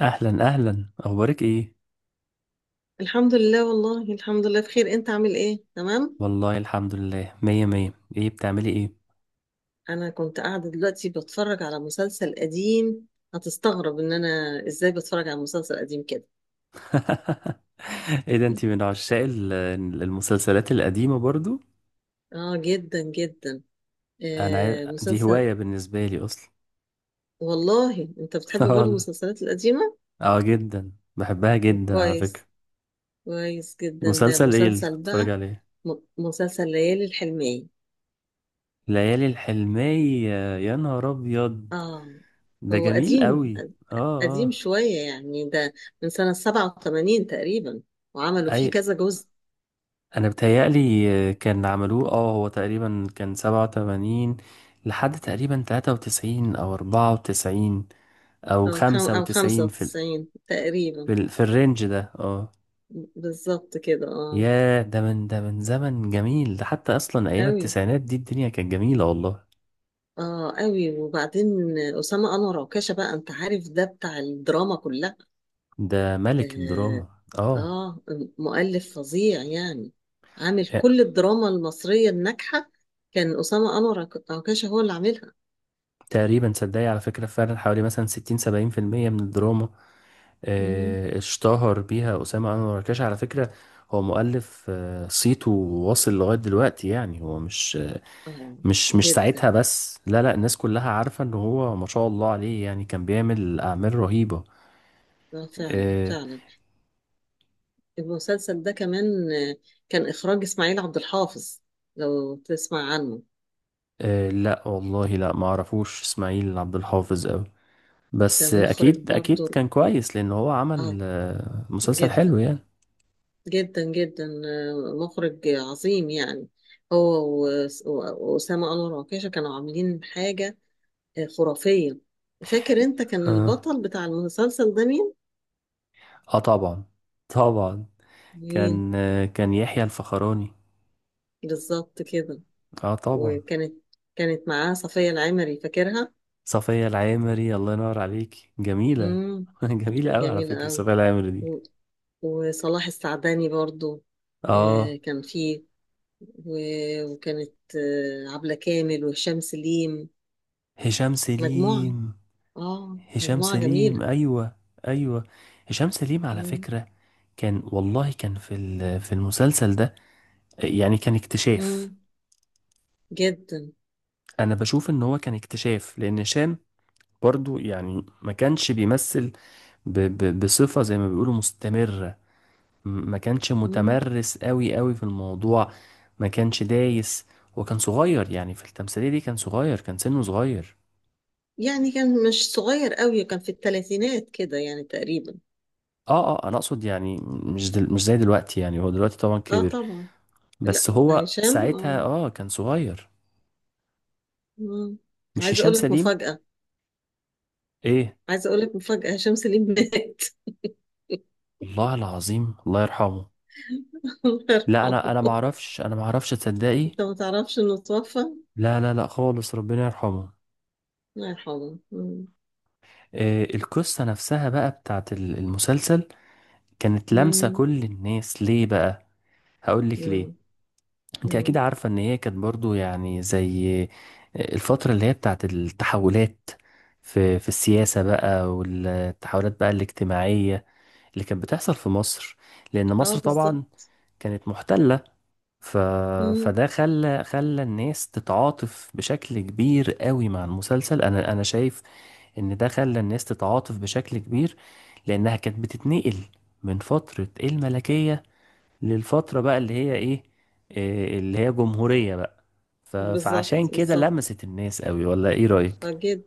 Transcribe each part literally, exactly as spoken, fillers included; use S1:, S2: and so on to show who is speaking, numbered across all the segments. S1: اهلا، اهلا. اخبارك ايه؟
S2: الحمد لله، والله الحمد لله بخير. انت عامل ايه؟ تمام.
S1: والله الحمد لله، مية مية. ايه بتعملي ايه؟
S2: انا كنت قاعده دلوقتي بتفرج على مسلسل قديم. هتستغرب ان انا ازاي بتفرج على مسلسل قديم كده.
S1: ايه ده! انتي من عشاق ال- المسلسلات القديمة برضو؟
S2: اه، جدا جدا.
S1: انا
S2: آه،
S1: عا- دي
S2: مسلسل.
S1: هواية بالنسبة لي اصلا.
S2: والله انت بتحب برضه
S1: والله.
S2: المسلسلات القديمه؟
S1: اه، جدا بحبها
S2: طب
S1: جدا على فكرة.
S2: كويس، كويس جدا. ده
S1: مسلسل ايه اللي كنت
S2: مسلسل
S1: بتتفرج
S2: بقى،
S1: عليه؟
S2: م- مسلسل ليالي الحلميه.
S1: ليالي الحلمية، يا نهار ابيض!
S2: اه،
S1: ده
S2: هو
S1: جميل
S2: قديم،
S1: قوي. اه،
S2: قديم
S1: اه،
S2: شويه يعني ده، من سنه سبعة وثمانين تقريبا، وعملوا فيه
S1: اي،
S2: كذا جزء.
S1: انا بتهيألي كان عملوه، اه هو تقريبا كان سبعة وتمانين لحد تقريبا تلاتة وتسعين او اربعة وتسعين او
S2: أو, خم...
S1: خمسة
S2: أو خمسة
S1: وتسعين في ال...
S2: وتسعين
S1: في,
S2: تقريبا.
S1: ال... في الرينج ده، اه.
S2: بالظبط كده اه.
S1: ياه، ده من ده من زمن جميل، ده حتى اصلا ايام
S2: أوي.
S1: التسعينات دي الدنيا كانت جميلة والله.
S2: اه أوي. وبعدين أسامة أنور عكاشة بقى، أنت عارف ده بتاع الدراما كلها.
S1: ده ملك الدراما،
S2: آه،
S1: اه.
S2: آه، مؤلف فظيع يعني، عامل
S1: يا-
S2: كل الدراما المصرية الناجحة. كان أسامة أنور عك- عكاشة هو اللي عاملها.
S1: تقريبا صدقني على فكرة، فعلا حوالي مثلا ستين سبعين في المية من الدراما،
S2: مم.
S1: آه، اشتهر بيها أسامة أنور الركاش على فكرة. هو مؤلف، آه، صيته واصل لغاية دلوقتي، يعني هو مش
S2: اه
S1: مش مش
S2: جدا.
S1: ساعتها بس، لا، لا الناس كلها عارفة ان هو ما شاء الله عليه، يعني كان بيعمل أعمال رهيبة.
S2: آه، فعلا
S1: آه،
S2: فعلا. المسلسل ده كمان، آه، كان إخراج إسماعيل عبد الحافظ، لو تسمع عنه.
S1: آه، لا والله، لا ما اعرفوش اسماعيل عبد الحافظ أوي،
S2: ده
S1: بس آه،
S2: مخرج
S1: اكيد
S2: برضو،
S1: اكيد كان كويس لان هو عمل
S2: اه،
S1: آه، مسلسل
S2: جدا،
S1: حلو يعني.
S2: جدا جدا، آه، مخرج عظيم يعني. هو و- وأسامة أنور وعكاشة كانوا عاملين حاجة آه، خرافية. فاكر انت كان
S1: اه،
S2: البطل بتاع المسلسل ده مين؟
S1: آه، طبعا، طبعا.
S2: مين؟
S1: كان آه، كان يحيى الفخراني،
S2: بالظبط كده.
S1: اه طبعا.
S2: وكانت كانت معاه صفية العمري، فاكرها؟
S1: صفية العامري، الله ينور عليك، جميلة،
S2: امم.
S1: جميلة
S2: كانت
S1: قوي على
S2: جميلة
S1: فكرة
S2: أوي.
S1: صفية العامري دي.
S2: و- وصلاح السعداني برضو.
S1: اه.
S2: آه، كان فيه، و- وكانت آه، عبلة كامل وهشام سليم.
S1: هشام
S2: مجموعة،
S1: سليم،
S2: اه
S1: هشام
S2: مجموعة
S1: سليم،
S2: جميلة.
S1: ايوه. ايوه، هشام سليم على
S2: مم.
S1: فكرة، كان والله كان في ال- في المسلسل ده، يعني كان اكتشاف.
S2: مم. جدا.
S1: انا بشوف ان هو كان اكتشاف، لان هشام برضو يعني ما كانش بيمثل ب ب بصفة زي ما بيقولوا مستمرة. ما كانش
S2: مم.
S1: متمرس قوي قوي في الموضوع. ما كانش دايس، وكان صغير يعني في التمثيلية دي، كان صغير، كان سنه صغير.
S2: يعني كان مش صغير قوي، كان في الثلاثينات كده يعني تقريبا.
S1: اه، اه انا اقصد يعني مش دل... مش زي دلوقتي، يعني هو دلوقتي طبعا
S2: اه
S1: كبر،
S2: طبعا. لا
S1: بس هو
S2: هشام،
S1: ساعتها
S2: اه.
S1: اه كان صغير.
S2: مم.
S1: مش
S2: عايزة
S1: هشام
S2: اقول لك
S1: سليم.
S2: مفاجأة.
S1: ايه؟
S2: عايزة اقول لك مفاجأة، هشام سليم مات.
S1: الله العظيم، الله يرحمه.
S2: الله
S1: لا،
S2: يرحمه.
S1: انا انا ما اعرفش، انا ما اعرفش، تصدقي.
S2: انت ما تعرفش انه توفى؟
S1: لا، لا، لا، خالص، ربنا يرحمه.
S2: الله يرحمه. مم.
S1: إيه القصة نفسها بقى بتاعت ال- المسلسل، كانت لامسة
S2: مم.
S1: كل الناس ليه بقى؟ هقول لك ليه.
S2: مم.
S1: انت اكيد
S2: مم.
S1: عارفة ان هي كانت برضو يعني زي الفترة اللي هي بتاعت التحولات في في السياسة بقى، والتحولات بقى الاجتماعية اللي كانت بتحصل في مصر، لان
S2: اه
S1: مصر
S2: بالظبط.
S1: طبعا كانت محتلة. ف...
S2: مم.
S1: فده خلى خلى الناس تتعاطف بشكل كبير قوي مع المسلسل، انا انا شايف ان ده خلى الناس تتعاطف بشكل كبير، لانها كانت بتتنقل من فترة الملكية للفترة بقى اللي هي ايه، إيه اللي هي جمهورية بقى. ف...
S2: بالظبط،
S1: فعشان كده
S2: بالظبط.
S1: لمست الناس قوي، ولا ايه رأيك؟
S2: اه جدا.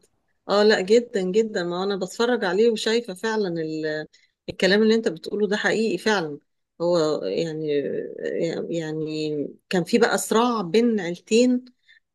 S2: اه لا، جدا جدا، ما انا بتفرج عليه وشايفه فعلا ال... الكلام اللي انت بتقوله ده حقيقي فعلا. هو يعني، يعني كان في بقى صراع بين عيلتين،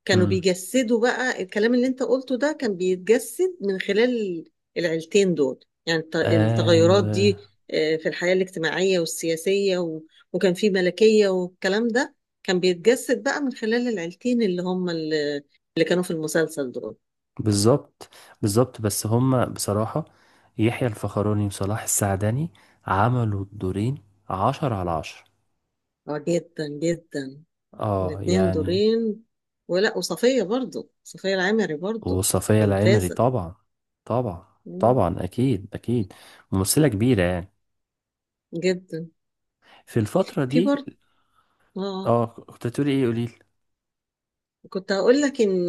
S2: كانوا
S1: امم،
S2: بيجسدوا بقى الكلام اللي انت قلته ده، كان بيتجسد من خلال العيلتين دول. يعني الت- التغيرات
S1: ايوه،
S2: دي آه، في الحياة الاجتماعية والسياسية و... وكان في ملكية والكلام ده، كان بيتجسد بقى من خلال العيلتين اللي هم، اللي اللي كانوا في المسلسل دول.
S1: بالظبط، بالظبط، بس هما بصراحة يحيى الفخراني وصلاح السعدني عملوا الدورين عشرة على عشرة،
S2: اه جدا جدا.
S1: اه
S2: الاتنين
S1: يعني.
S2: دورين. ولا، وصفية برضو، صفية العمري برضو.
S1: وصفية العمري
S2: ممتازة.
S1: طبعا، طبعا،
S2: مم.
S1: طبعا، اكيد، اكيد، ممثلة كبيرة يعني،
S2: جدا.
S1: في الفترة
S2: في
S1: دي.
S2: برضو، اه.
S1: اه، كنت هتقولي ايه؟ قوليلي.
S2: كنت هقول لك ان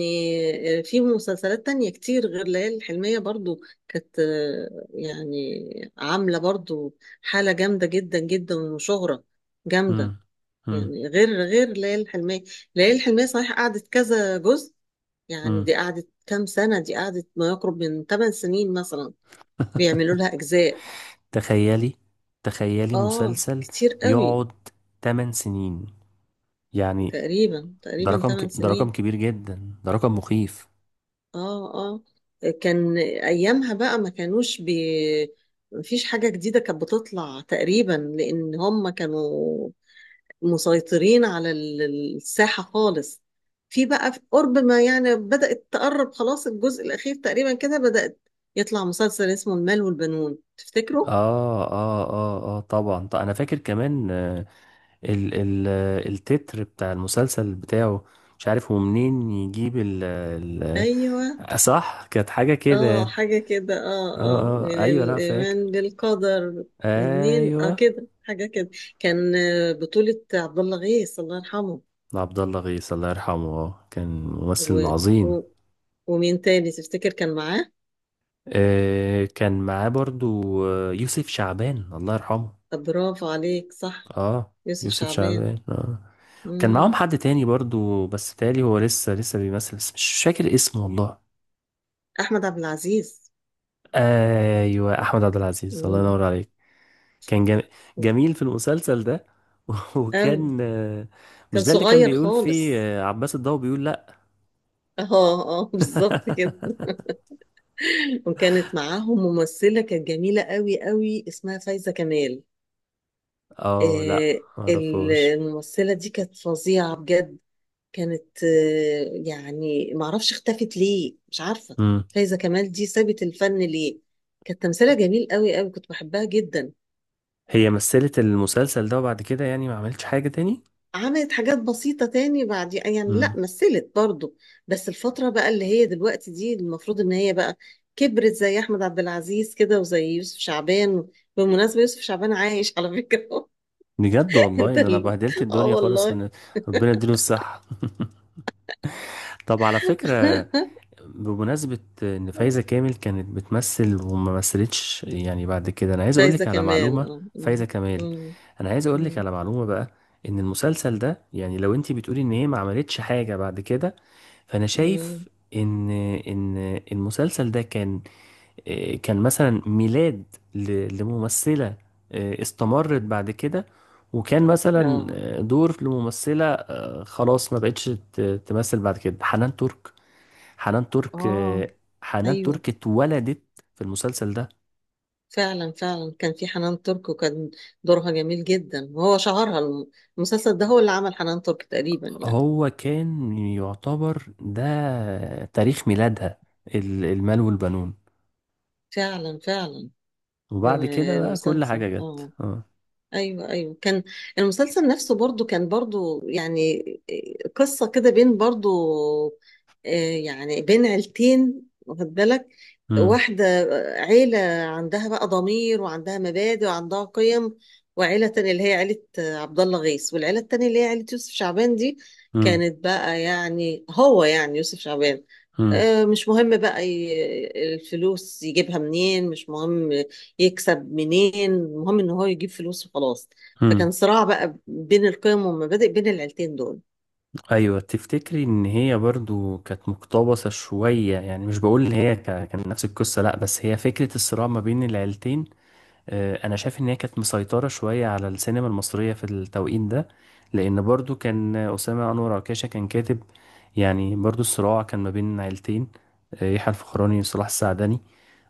S2: آه، في مسلسلات تانية كتير غير ليالي الحلمية برضو، كانت آه، يعني عاملة برضو حالة جامدة جدا جدا وشهرة جامدة.
S1: امم
S2: يعني غير غير ليالي الحلمية. ليالي الحلمية صحيح قعدت كذا جزء، يعني
S1: امم
S2: دي قعدت كام سنة، دي قعدت ما يقرب من ثمان سنين مثلا، بيعملوا لها أجزاء.
S1: تخيلي، تخيلي
S2: آه
S1: مسلسل
S2: كتير قوي.
S1: يقعد 8 سنين يعني!
S2: تقريبا
S1: ده
S2: تقريبا
S1: رقم
S2: ثمان
S1: ك... ده رقم
S2: سنين.
S1: كبير جدا، ده رقم مخيف.
S2: آه، آه. كان أيامها بقى ما كانوش بي مفيش حاجة جديدة كانت بتطلع تقريبا، لأن هم كانوا مسيطرين على ال- الساحة خالص. في بقى في قرب ما، يعني بدأت تقرب، خلاص الجزء الأخير تقريبا كده بدأت يطلع مسلسل اسمه المال والبنون، تفتكروا؟
S1: اه، اه، اه، اه، طبعا. طب انا فاكر كمان، آه، ال ال آه، التتر بتاع المسلسل بتاعه، مش عارف هو منين يجيب ال ال
S2: أيوه.
S1: آه، صح، كانت حاجة كده
S2: اه
S1: يعني.
S2: حاجة كده،
S1: اه،
S2: اه، اه،
S1: اه،
S2: من
S1: ايوه، لا فاكر.
S2: الإيمان بالقدر. منين،
S1: ايوه.
S2: اه كده، حاجة كده. كان آه، بطولة عبد الله غيث، الله يرحمه.
S1: عبد الله غيث الله يرحمه، آه، كان ممثل
S2: و...
S1: عظيم.
S2: و... ومين تاني تفتكر كان معاه؟
S1: آه، كان معاه برضو آه، يوسف شعبان الله يرحمه.
S2: طب برافو عليك، صح.
S1: اه،
S2: يوسف
S1: يوسف
S2: شعبان.
S1: شعبان، اه. كان
S2: مم.
S1: معاهم حد تاني برضو، بس تالي هو لسه لسه بيمثل، بس مش فاكر اسمه والله.
S2: أحمد عبد العزيز.
S1: ايوه، احمد عبد العزيز، الله
S2: مم.
S1: ينور عليك. كان جم... جميل في المسلسل ده.
S2: أوي،
S1: وكان آه،
S2: كان
S1: مش ده اللي كان
S2: صغير
S1: بيقول فيه
S2: خالص.
S1: آه، عباس الضو بيقول لا؟
S2: اه، اه، بالظبط كده. وكانت معاهم ممثلة كانت جميلة قوي قوي، اسمها فايزة كمال.
S1: اه، لا
S2: آه،
S1: معرفوش.
S2: الممثلة دي كانت فظيعة بجد، كانت آه، يعني، معرفش اختفت ليه، مش عارفة.
S1: مم.
S2: فايزة كمال دي سابت الفن ليه؟ كانت تمثيلها جميل قوي قوي، كنت بحبها جدا.
S1: هي مثلت المسلسل ده وبعد كده يعني ما عملتش حاجة تاني.
S2: عملت حاجات بسيطة تاني بعد يعني، لا
S1: مم.
S2: مثلت برضو. بس الفترة بقى اللي هي دلوقتي دي، المفروض ان هي بقى كبرت زي احمد عبد العزيز كده وزي يوسف شعبان. بالمناسبة، يوسف شعبان عايش على فكرة.
S1: بجد والله
S2: انت
S1: ان انا
S2: ال-
S1: بهدلت
S2: اه
S1: الدنيا خالص،
S2: والله.
S1: ان ربنا يديله الصحة. طب على فكرة، بمناسبة ان فايزة كامل كانت بتمثل وما مثلتش يعني بعد كده، انا عايز
S2: مش عايزة
S1: اقولك على
S2: كمان
S1: معلومة.
S2: اه.
S1: فايزة
S2: مم.
S1: كمال،
S2: مم.
S1: انا عايز اقولك
S2: مم.
S1: على معلومة بقى، ان المسلسل ده يعني لو انتي بتقولي ان هي ما عملتش حاجة بعد كده، فانا
S2: مم.
S1: شايف ان ان المسلسل ده كان آه، كان مثلا ميلاد ل- لممثلة آه، استمرت بعد كده، وكان مثلا
S2: اه،
S1: آه، دور لممثلة آه، خلاص ما بقتش ت- تمثل بعد كده. حنان ترك، حنان ترك
S2: اه،
S1: آه، حنان
S2: ايوه،
S1: ترك اتولدت في المسلسل ده.
S2: فعلا فعلا. كان في حنان ترك، وكان دورها جميل جدا، وهو شهرها الم- المسلسل ده هو اللي عمل حنان ترك تقريبا يعني.
S1: هو كان يعتبر ده تاريخ ميلادها، ال- المال والبنون،
S2: فعلا فعلا.
S1: وبعد
S2: آه،
S1: كده بقى كل
S2: المسلسل
S1: حاجة
S2: اه.
S1: جت، اه.
S2: ايوه، ايوه، كان المسلسل نفسه برضو كان برضو يعني آه، قصه كده بين برضو آه، يعني بين عيلتين، واخد بالك؟
S1: امم
S2: واحده، عيله عندها بقى ضمير وعندها مبادئ وعندها قيم، وعيله تانية اللي هي عيله آه، عبد الله غيث، والعيله التانية اللي هي عيله يوسف شعبان دي،
S1: امم
S2: كانت بقى يعني، هو يعني، يوسف شعبان آه، مش مهم بقى، ي- الفلوس يجيبها منين، مش مهم يكسب منين، المهم ان هو يجيب فلوس وخلاص. فكان
S1: امم،
S2: صراع بقى بين القيم والمبادئ بين العيلتين دول.
S1: ايوه، تفتكري ان هي برضو كانت مقتبسه شويه؟ يعني مش بقول ان هي كا- كان نفس القصه، لا، بس هي فكره الصراع ما بين العيلتين. آه، انا شايف ان هي كانت مسيطره شويه على السينما المصريه في التوقيت ده، لان برضو كان اسامه انور عكاشه كان كاتب، يعني برضو الصراع كان ما بين عيلتين، آه، يحيى الفخراني وصلاح السعدني،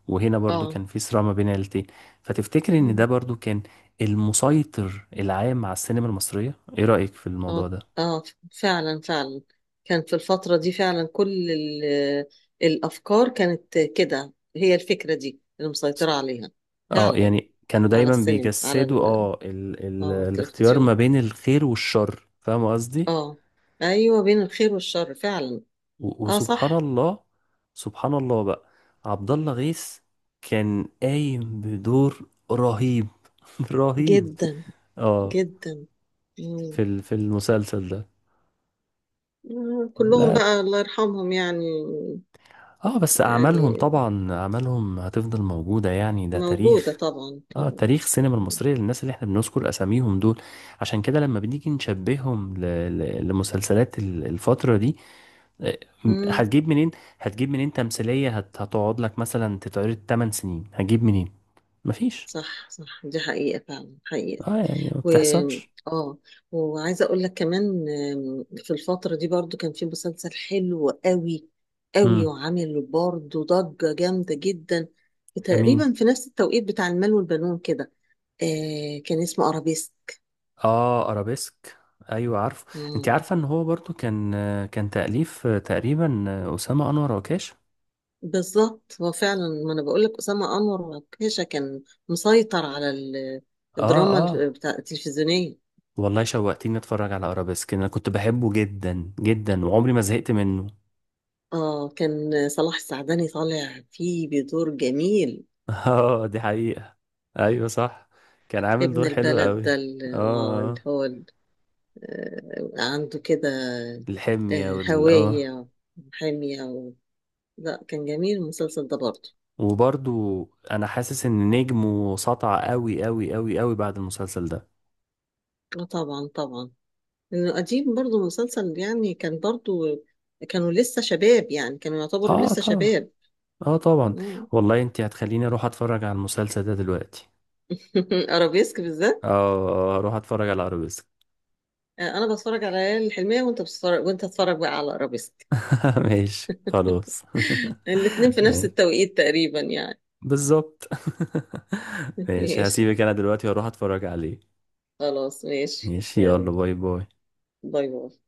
S1: وهنا برضو
S2: اه.
S1: كان في صراع ما بين عيلتين. فتفتكري ان ده
S2: مم.
S1: برضو كان المسيطر العام على السينما المصريه؟ ايه رايك في الموضوع
S2: اه،
S1: ده؟
S2: اه، فعلا فعلا. كان في الفترة دي فعلا، كل ال- الأفكار كانت كده، هي الفكرة دي اللي مسيطرة عليها.
S1: اه
S2: فعلا،
S1: يعني كانوا
S2: على
S1: دايما
S2: السينما، على
S1: بيجسدوا
S2: ال-
S1: اه ال ال
S2: اه
S1: الاختيار
S2: التلفزيون.
S1: ما بين الخير والشر، فاهم قصدي؟
S2: اه، ايوه، بين الخير والشر فعلا.
S1: و-
S2: اه
S1: وسبحان
S2: صح.
S1: الله، سبحان الله بقى، عبد الله غيث كان قايم بدور رهيب، رهيب،
S2: جدا
S1: اه،
S2: جدا. مم.
S1: في ال في المسلسل ده.
S2: آه، كلهم
S1: لا،
S2: بقى الله يرحمهم يعني.
S1: اه، بس اعمالهم
S2: يعني
S1: طبعا، اعمالهم هتفضل موجودة يعني، ده
S2: موجودة
S1: تاريخ.
S2: طبعا
S1: اه،
S2: طبعا.
S1: تاريخ السينما المصرية للناس اللي احنا بنذكر اساميهم دول. عشان كده لما بنيجي نشبههم ل... ل... لمسلسلات ال- الفترة دي، آه، م-
S2: امم.
S1: هتجيب منين؟ هتجيب منين تمثيلية هت... هتقعد لك مثلا تتعرض 8 سنين؟ هتجيب منين؟ مفيش.
S2: صح، صح، دي حقيقة فعلا، حقيقة.
S1: اه يعني ما
S2: و
S1: بتحصلش.
S2: اه وعايزة اقول لك كمان، آم، في الفترة دي برضو كان في مسلسل حلو قوي قوي،
S1: امم،
S2: وعامل برضو ضجة جامدة جدا،
S1: امين.
S2: تقريبا في نفس التوقيت بتاع المال والبنون كده. آه كان اسمه ارابيسك.
S1: اه، ارابيسك، ايوه عارفه. انت
S2: مم.
S1: عارفة ان هو برضو كان آه، كان تأليف آه، تقريبا آه، اسامة انور عكاشة؟
S2: بالظبط، هو فعلا، ما انا بقول لك اسامة انور وكيشة كان مسيطر على ال-
S1: اه،
S2: الدراما الف-
S1: اه
S2: بتاع التلفزيونية.
S1: والله شوقتني اتفرج على ارابيسك، انا كنت بحبه جدا جدا وعمري ما زهقت منه.
S2: اه، كان صلاح السعداني طالع فيه بدور جميل.
S1: اه، دي حقيقة، ايوه صح. كان عامل
S2: ابن
S1: دور حلو
S2: البلد
S1: قوي.
S2: ده اللي،
S1: اه،
S2: اه اللي
S1: آه.
S2: هو ال- آه، عنده كده
S1: الحمية
S2: آه،
S1: وال اه،
S2: هوية، وحمية و... لا كان جميل المسلسل ده برضه.
S1: وبرضو انا حاسس ان نجمه سطع قوي قوي قوي قوي بعد المسلسل ده.
S2: اه طبعا طبعا. انه قديم برضه مسلسل يعني، كان برضه كانوا لسه شباب يعني، كانوا يعتبروا
S1: اه
S2: لسه
S1: طبعا،
S2: شباب.
S1: اه طبعا.
S2: مم.
S1: والله انت هتخليني اروح اتفرج على المسلسل ده دلوقتي.
S2: ارابيسك
S1: اه،
S2: بالذات.
S1: آه، آه، اروح اتفرج على ارابيسك.
S2: آه، انا بتفرج على ليالي الحلمية، وانت بتتفرج وانت تتفرج بقى على ارابيسك.
S1: ماشي خلاص.
S2: الاتنين في نفس
S1: ماشي.
S2: التوقيت تقريبا يعني.
S1: بالظبط. ماشي،
S2: ماشي،
S1: هسيبك انا دلوقتي واروح اتفرج عليه.
S2: خلاص ماشي،
S1: ماشي، يلا.
S2: يلا
S1: باي باي.
S2: باي باي.